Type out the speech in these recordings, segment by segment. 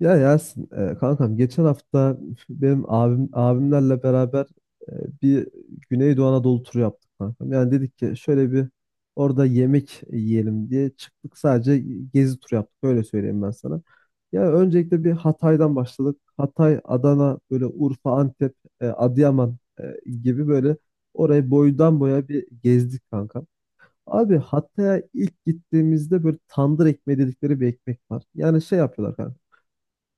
Ya Yasin, kankam geçen hafta benim abimlerle beraber e, bir Güneydoğu Anadolu turu yaptık kankam. Yani dedik ki şöyle bir orada yemek yiyelim diye çıktık, sadece gezi turu yaptık. Öyle söyleyeyim ben sana. Ya öncelikle bir Hatay'dan başladık. Hatay, Adana, böyle Urfa, Antep, Adıyaman gibi böyle orayı boydan boya bir gezdik kankam. Abi Hatay'a ilk gittiğimizde böyle tandır ekmeği dedikleri bir ekmek var. Yani şey yapıyorlar kanka.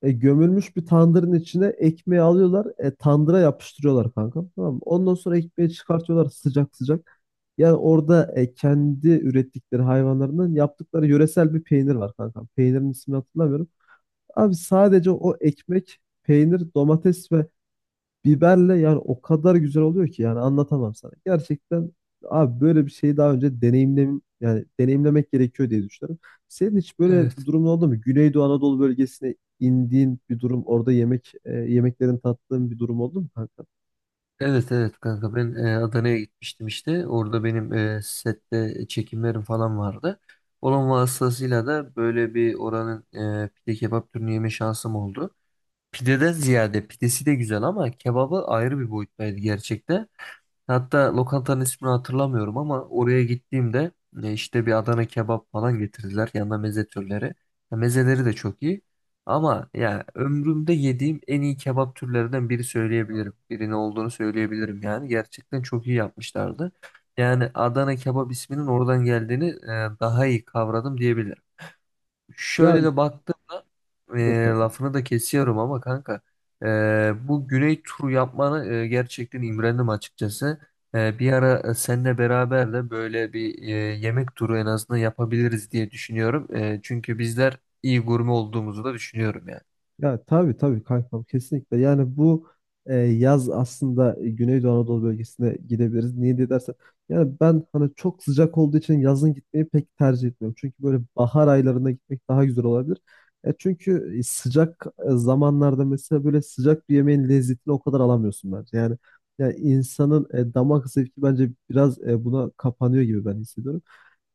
Gömülmüş bir tandırın içine ekmeği alıyorlar. Tandıra yapıştırıyorlar kanka. Tamam mı? Ondan sonra ekmeği çıkartıyorlar sıcak sıcak. Yani orada kendi ürettikleri hayvanlarından yaptıkları yöresel bir peynir var kanka. Peynirin ismini hatırlamıyorum. Abi sadece o ekmek, peynir, domates ve Biberle, yani o kadar güzel oluyor ki yani anlatamam sana. Gerçekten abi böyle bir şeyi daha önce yani deneyimlemek gerekiyor diye düşünüyorum. Senin hiç böyle bir Evet. durumun oldu mu? Güneydoğu Anadolu bölgesine indiğin bir durum, orada yemeklerin tattığın bir durum oldu mu kanka? Evet kanka ben Adana'ya gitmiştim işte. Orada benim sette çekimlerim falan vardı. Onun vasıtasıyla da böyle bir oranın pide kebap türünü yeme şansım oldu. Pideden ziyade pidesi de güzel ama kebabı ayrı bir boyuttaydı gerçekten. Hatta lokantanın ismini hatırlamıyorum ama oraya gittiğimde işte bir Adana kebap falan getirdiler. Yanına meze türleri. Ya mezeleri de çok iyi. Ama ya ömrümde yediğim en iyi kebap türlerinden Birinin olduğunu söyleyebilirim yani. Gerçekten çok iyi yapmışlardı. Yani Adana kebap isminin oradan geldiğini daha iyi kavradım diyebilirim. Şöyle Yani de baktığımda e, buyur kanka. lafını da kesiyorum ama kanka, e, bu Güney turu yapmanı gerçekten imrendim açıkçası. Bir ara seninle beraber de böyle bir yemek turu en azından yapabiliriz diye düşünüyorum. Çünkü bizler iyi gurme olduğumuzu da düşünüyorum yani. Ya tabii tabii kankam, kesinlikle. Yani bu yaz aslında Güneydoğu Anadolu bölgesine gidebiliriz. Niye diye dersen, yani ben hani çok sıcak olduğu için yazın gitmeyi pek tercih etmiyorum. Çünkü böyle bahar aylarında gitmek daha güzel olabilir. Çünkü zamanlarda mesela böyle sıcak bir yemeğin lezzetini o kadar alamıyorsun bence. Yani insanın damak zevki bence biraz buna kapanıyor gibi ben hissediyorum.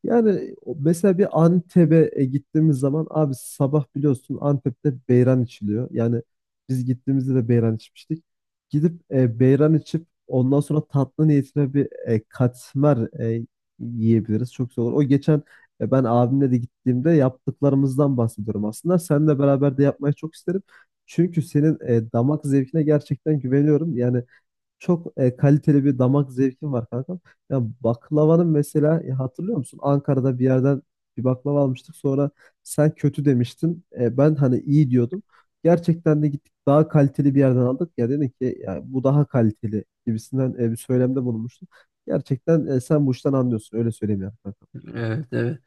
Yani mesela bir Antep'e gittiğimiz zaman abi sabah biliyorsun Antep'te beyran içiliyor. Yani biz gittiğimizde de beyran içmiştik. Gidip beyran içip ondan sonra tatlı niyetine bir katmer yiyebiliriz. Çok güzel olur. O geçen ben abimle de gittiğimde yaptıklarımızdan bahsediyorum aslında. Seninle beraber de yapmayı çok isterim. Çünkü senin damak zevkine gerçekten güveniyorum. Yani çok kaliteli bir damak zevkim var kankam. Ya baklavanın mesela, hatırlıyor musun? Ankara'da bir yerden bir baklava almıştık. Sonra sen kötü demiştin. Ben hani iyi diyordum. Gerçekten de gittik, daha kaliteli bir yerden aldık. Ya dedin ki ya bu daha kaliteli gibisinden bir söylemde bulunmuştun. Gerçekten sen bu işten anlıyorsun. Öyle söyleyeyim yani kankam. Evet, evet.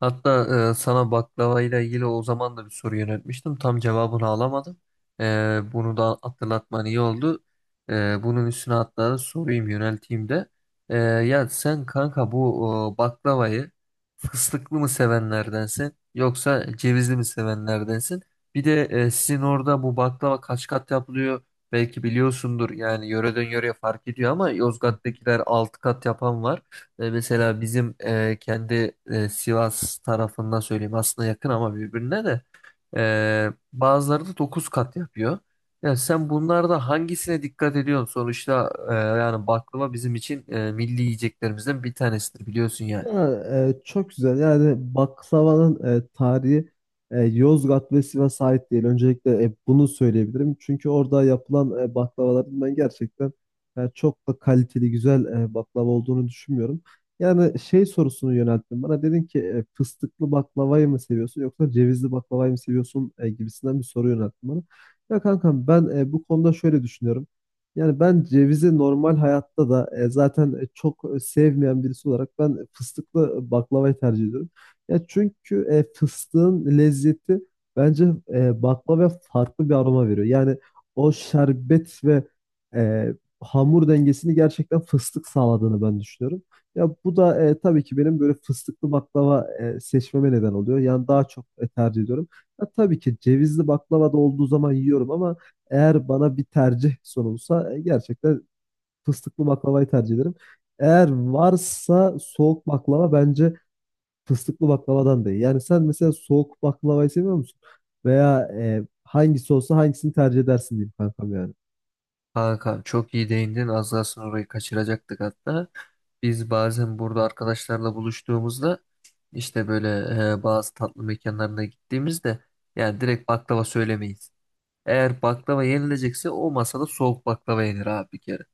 Hatta sana baklavayla ilgili o zaman da bir soru yöneltmiştim. Tam cevabını alamadım. E, Bunu da hatırlatman iyi oldu. Bunun üstüne hatta da sorayım yönelteyim de. Ya sen kanka bu baklavayı fıstıklı mı sevenlerdensin yoksa cevizli mi sevenlerdensin? Bir de sizin orada bu baklava kaç kat yapılıyor? Belki biliyorsundur yani yöreden yöreye fark ediyor ama Hı Yozgat'takiler 6 kat yapan var. Hı. Mesela bizim kendi Sivas tarafından söyleyeyim, aslında yakın ama birbirine de bazıları da 9 kat yapıyor. Yani sen bunlarda hangisine dikkat ediyorsun? Sonuçta yani baklava bizim için milli yiyeceklerimizden bir tanesidir, biliyorsun yani. Ya, çok güzel. Yani baklavanın tarihi Yozgat ve Sivas'a ait değil. Öncelikle bunu söyleyebilirim. Çünkü orada yapılan baklavaların ben gerçekten çok da kaliteli, güzel baklava olduğunu düşünmüyorum. Yani şey sorusunu yönelttim bana. Dedin ki fıstıklı baklavayı mı seviyorsun yoksa cevizli baklavayı mı seviyorsun gibisinden bir soru yönelttim bana. Ya kankam ben bu konuda şöyle düşünüyorum. Yani ben cevizi normal hayatta da zaten sevmeyen birisi olarak ben fıstıklı baklavayı tercih ediyorum. Ya çünkü fıstığın lezzeti bence baklavaya farklı bir aroma veriyor. Yani o şerbet ve e, hamur dengesini gerçekten fıstık sağladığını ben düşünüyorum. Ya bu da tabii ki benim böyle fıstıklı baklava seçmeme neden oluyor. Yani daha çok tercih ediyorum. Ya, tabii ki cevizli baklava da olduğu zaman yiyorum, ama eğer bana bir tercih sunulsa gerçekten fıstıklı baklavayı tercih ederim. Eğer varsa soğuk baklava bence fıstıklı baklavadan da iyi. Yani sen mesela soğuk baklavayı seviyor musun? Veya hangisi olsa hangisini tercih edersin diyeyim kankam yani. Kanka çok iyi değindin, az kalsın orayı kaçıracaktık hatta. Biz bazen burada arkadaşlarla buluştuğumuzda işte böyle bazı tatlı mekanlarına gittiğimizde yani direkt baklava söylemeyiz. Eğer baklava yenilecekse o masada soğuk baklava yenir abi bir kere.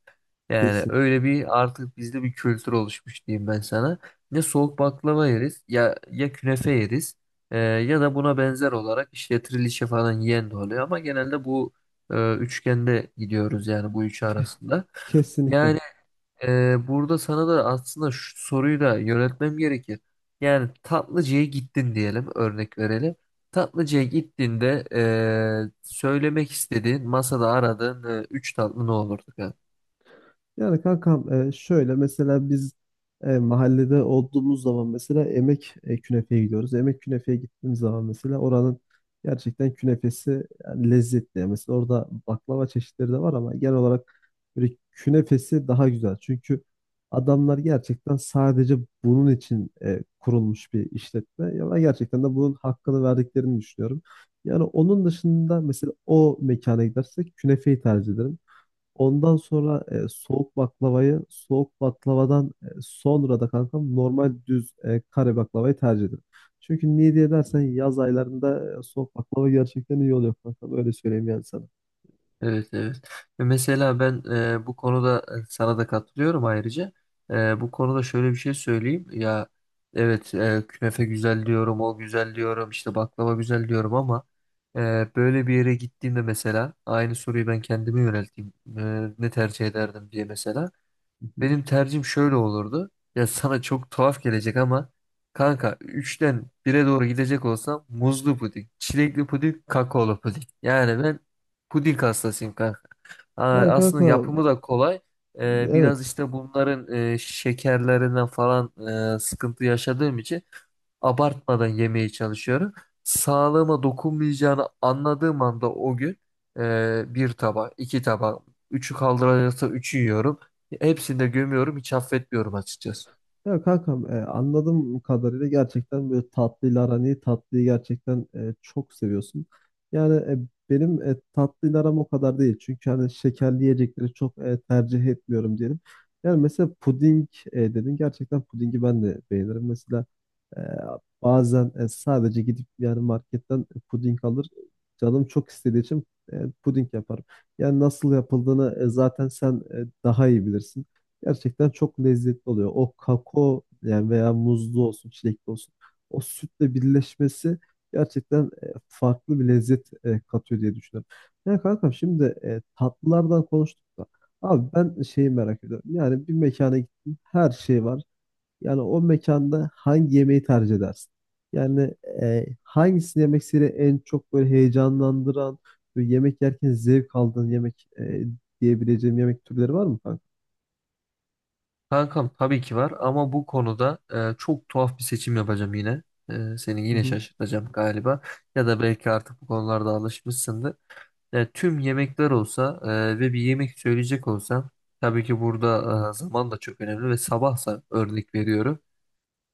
Yani Kesin, öyle bir artık bizde bir kültür oluşmuş diyeyim ben sana. Ne soğuk baklava yeriz ya, ya künefe yeriz ya da buna benzer olarak işte trilişe falan yiyen de oluyor ama genelde bu üçgende gidiyoruz yani, bu üçü arasında. kesinlikle. Yani burada sana da aslında şu soruyu da yöneltmem gerekir. Yani tatlıcıya gittin diyelim, örnek verelim. Tatlıcıya gittiğinde, söylemek istediğin, masada aradığın üç tatlı ne olurdu? Yani kankam, şöyle mesela biz mahallede olduğumuz zaman mesela emek künefeye gidiyoruz. Emek künefeye gittiğimiz zaman mesela oranın gerçekten künefesi yani lezzetli. Yani Mesela orada baklava çeşitleri de var ama genel olarak böyle künefesi daha güzel. Çünkü adamlar gerçekten sadece bunun için kurulmuş bir işletme. Ya ben gerçekten de bunun hakkını verdiklerini düşünüyorum. Yani onun dışında mesela o mekana gidersek künefeyi tercih ederim. Ondan sonra soğuk baklavayı, soğuk baklavadan sonra da kankam normal düz kare baklavayı tercih ederim. Çünkü niye diye dersen yaz aylarında soğuk baklava gerçekten iyi oluyor kankam. Öyle söyleyeyim yani sana. Evet, evet. Ve mesela ben bu konuda sana da katılıyorum ayrıca. Bu konuda şöyle bir şey söyleyeyim. Ya evet, künefe güzel diyorum, o güzel diyorum, işte baklava güzel diyorum ama böyle bir yere gittiğimde mesela aynı soruyu ben kendime yönelteyim. Ne tercih ederdim diye mesela. Hı hı. Benim tercihim şöyle olurdu. Ya sana çok tuhaf gelecek ama kanka, üçten bire doğru gidecek olsam muzlu puding, çilekli puding, kakaolu puding. Yani ben puding hastasıyım kanka. Aa, Yani aslında kanka, yapımı da kolay. Biraz evet. işte bunların şekerlerinden falan sıkıntı yaşadığım için abartmadan yemeye çalışıyorum. Sağlığıma dokunmayacağını anladığım anda o gün bir tabak, iki tabak, üçü kaldırılırsa üçü yiyorum. Hepsini de gömüyorum, hiç affetmiyorum açıkçası. Ya kankam, anladığım kadarıyla gerçekten böyle tatlıyla aran iyi. Tatlıyı gerçekten çok seviyorsun. Yani benim tatlıyla aram o kadar değil. Çünkü hani şekerli yiyecekleri çok tercih etmiyorum diyelim. Yani mesela puding dedin. Gerçekten pudingi ben de beğenirim. Mesela ee, bazen sadece gidip yani marketten puding alır. Canım çok istediği için puding yaparım. Yani nasıl yapıldığını zaten sen daha iyi bilirsin. Gerçekten çok lezzetli oluyor. O kakao yani veya muzlu olsun, çilekli olsun. O sütle birleşmesi gerçekten farklı bir lezzet katıyor diye düşünüyorum. Ya kankam şimdi tatlılardan konuştuk da. Abi ben şeyi merak ediyorum. Yani bir mekana gittim. Her şey var. Yani o mekanda hangi yemeği tercih edersin? Yani hangisini yemek seni en çok böyle heyecanlandıran, böyle yemek yerken zevk aldığın yemek diyebileceğim yemek türleri var mı kanka? Kankam tabii ki var ama bu konuda çok tuhaf bir seçim yapacağım yine. Seni yine şaşırtacağım galiba. Ya da belki artık bu konularda alışmışsındır. Tüm yemekler olsa ve bir yemek söyleyecek olsam tabii ki burada zaman da çok önemli, ve sabahsa örnek veriyorum.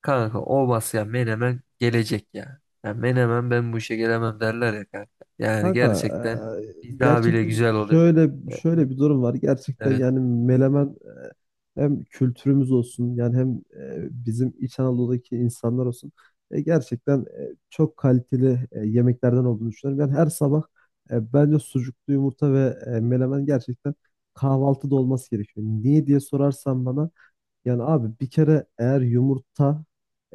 Kanka o ya Menemen gelecek ya. Ya Menemen ben bu işe gelemem derler ya kanka. Yani Kanka gerçekten eee, biz daha bile gerçekten güzel oluyor. E, şöyle bir durum var. Gerçekten Evet. yani Menemen, hem kültürümüz olsun yani hem bizim İç Anadolu'daki insanlar olsun. Gerçekten çok kaliteli yemeklerden olduğunu düşünüyorum. Yani her sabah bence sucuklu yumurta ve menemen gerçekten kahvaltıda olması gerekiyor. Niye diye sorarsan bana, yani abi bir kere eğer yumurta,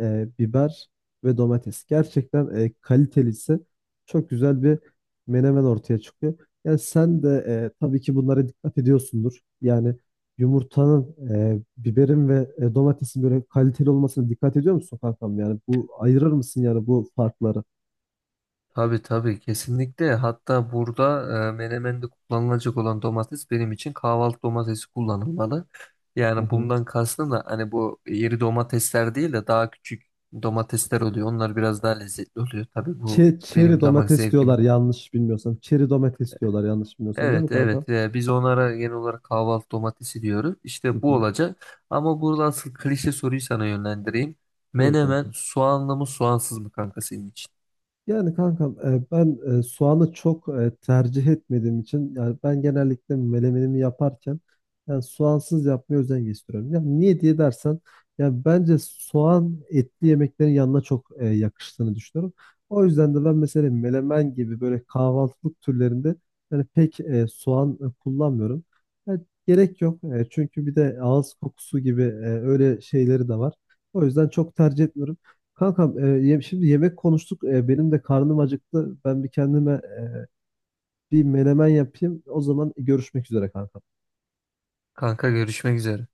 biber ve domates gerçekten kaliteliyse çok güzel bir menemen ortaya çıkıyor. Yani sen de tabii ki bunlara dikkat ediyorsundur. Yani yumurtanın, biberin ve domatesin böyle kaliteli olmasına dikkat ediyor musun kankam? Yani bu ayırır mısın yani bu farkları? Tabii tabii, kesinlikle. Hatta burada menemende kullanılacak olan domates benim için kahvaltı domatesi kullanılmalı. Hı Yani hı. bundan kastım da hani bu iri domatesler değil de daha küçük domatesler oluyor. Onlar biraz daha lezzetli oluyor. Tabii bu Çeri benim damak domates zevkime. diyorlar yanlış bilmiyorsam. Çeri domates diyorlar yanlış bilmiyorsam, değil mi Evet, kanka? evet. Biz onlara genel olarak kahvaltı domatesi diyoruz. Hı İşte bu hı. olacak. Ama burada asıl klişe soruyu sana yönlendireyim. Buyur Menemen kanka. soğanlı mı soğansız mı kanka senin için? Yani kankam, ben soğanı çok tercih etmediğim için, yani ben genellikle melemenimi yaparken yani soğansız yapmaya özen gösteriyorum. Ya niye diye dersen, ya bence soğan etli yemeklerin yanına çok yakıştığını düşünüyorum. O yüzden de ben mesela melemen gibi böyle kahvaltılık türlerinde yani pek soğan kullanmıyorum. Ya gerek yok. Çünkü bir de ağız kokusu gibi öyle şeyleri de var. O yüzden çok tercih etmiyorum. Kankam, şimdi yemek konuştuk. Benim de karnım acıktı. Ben bir kendime bir menemen yapayım. O zaman görüşmek üzere Kankam. Kanka görüşmek üzere.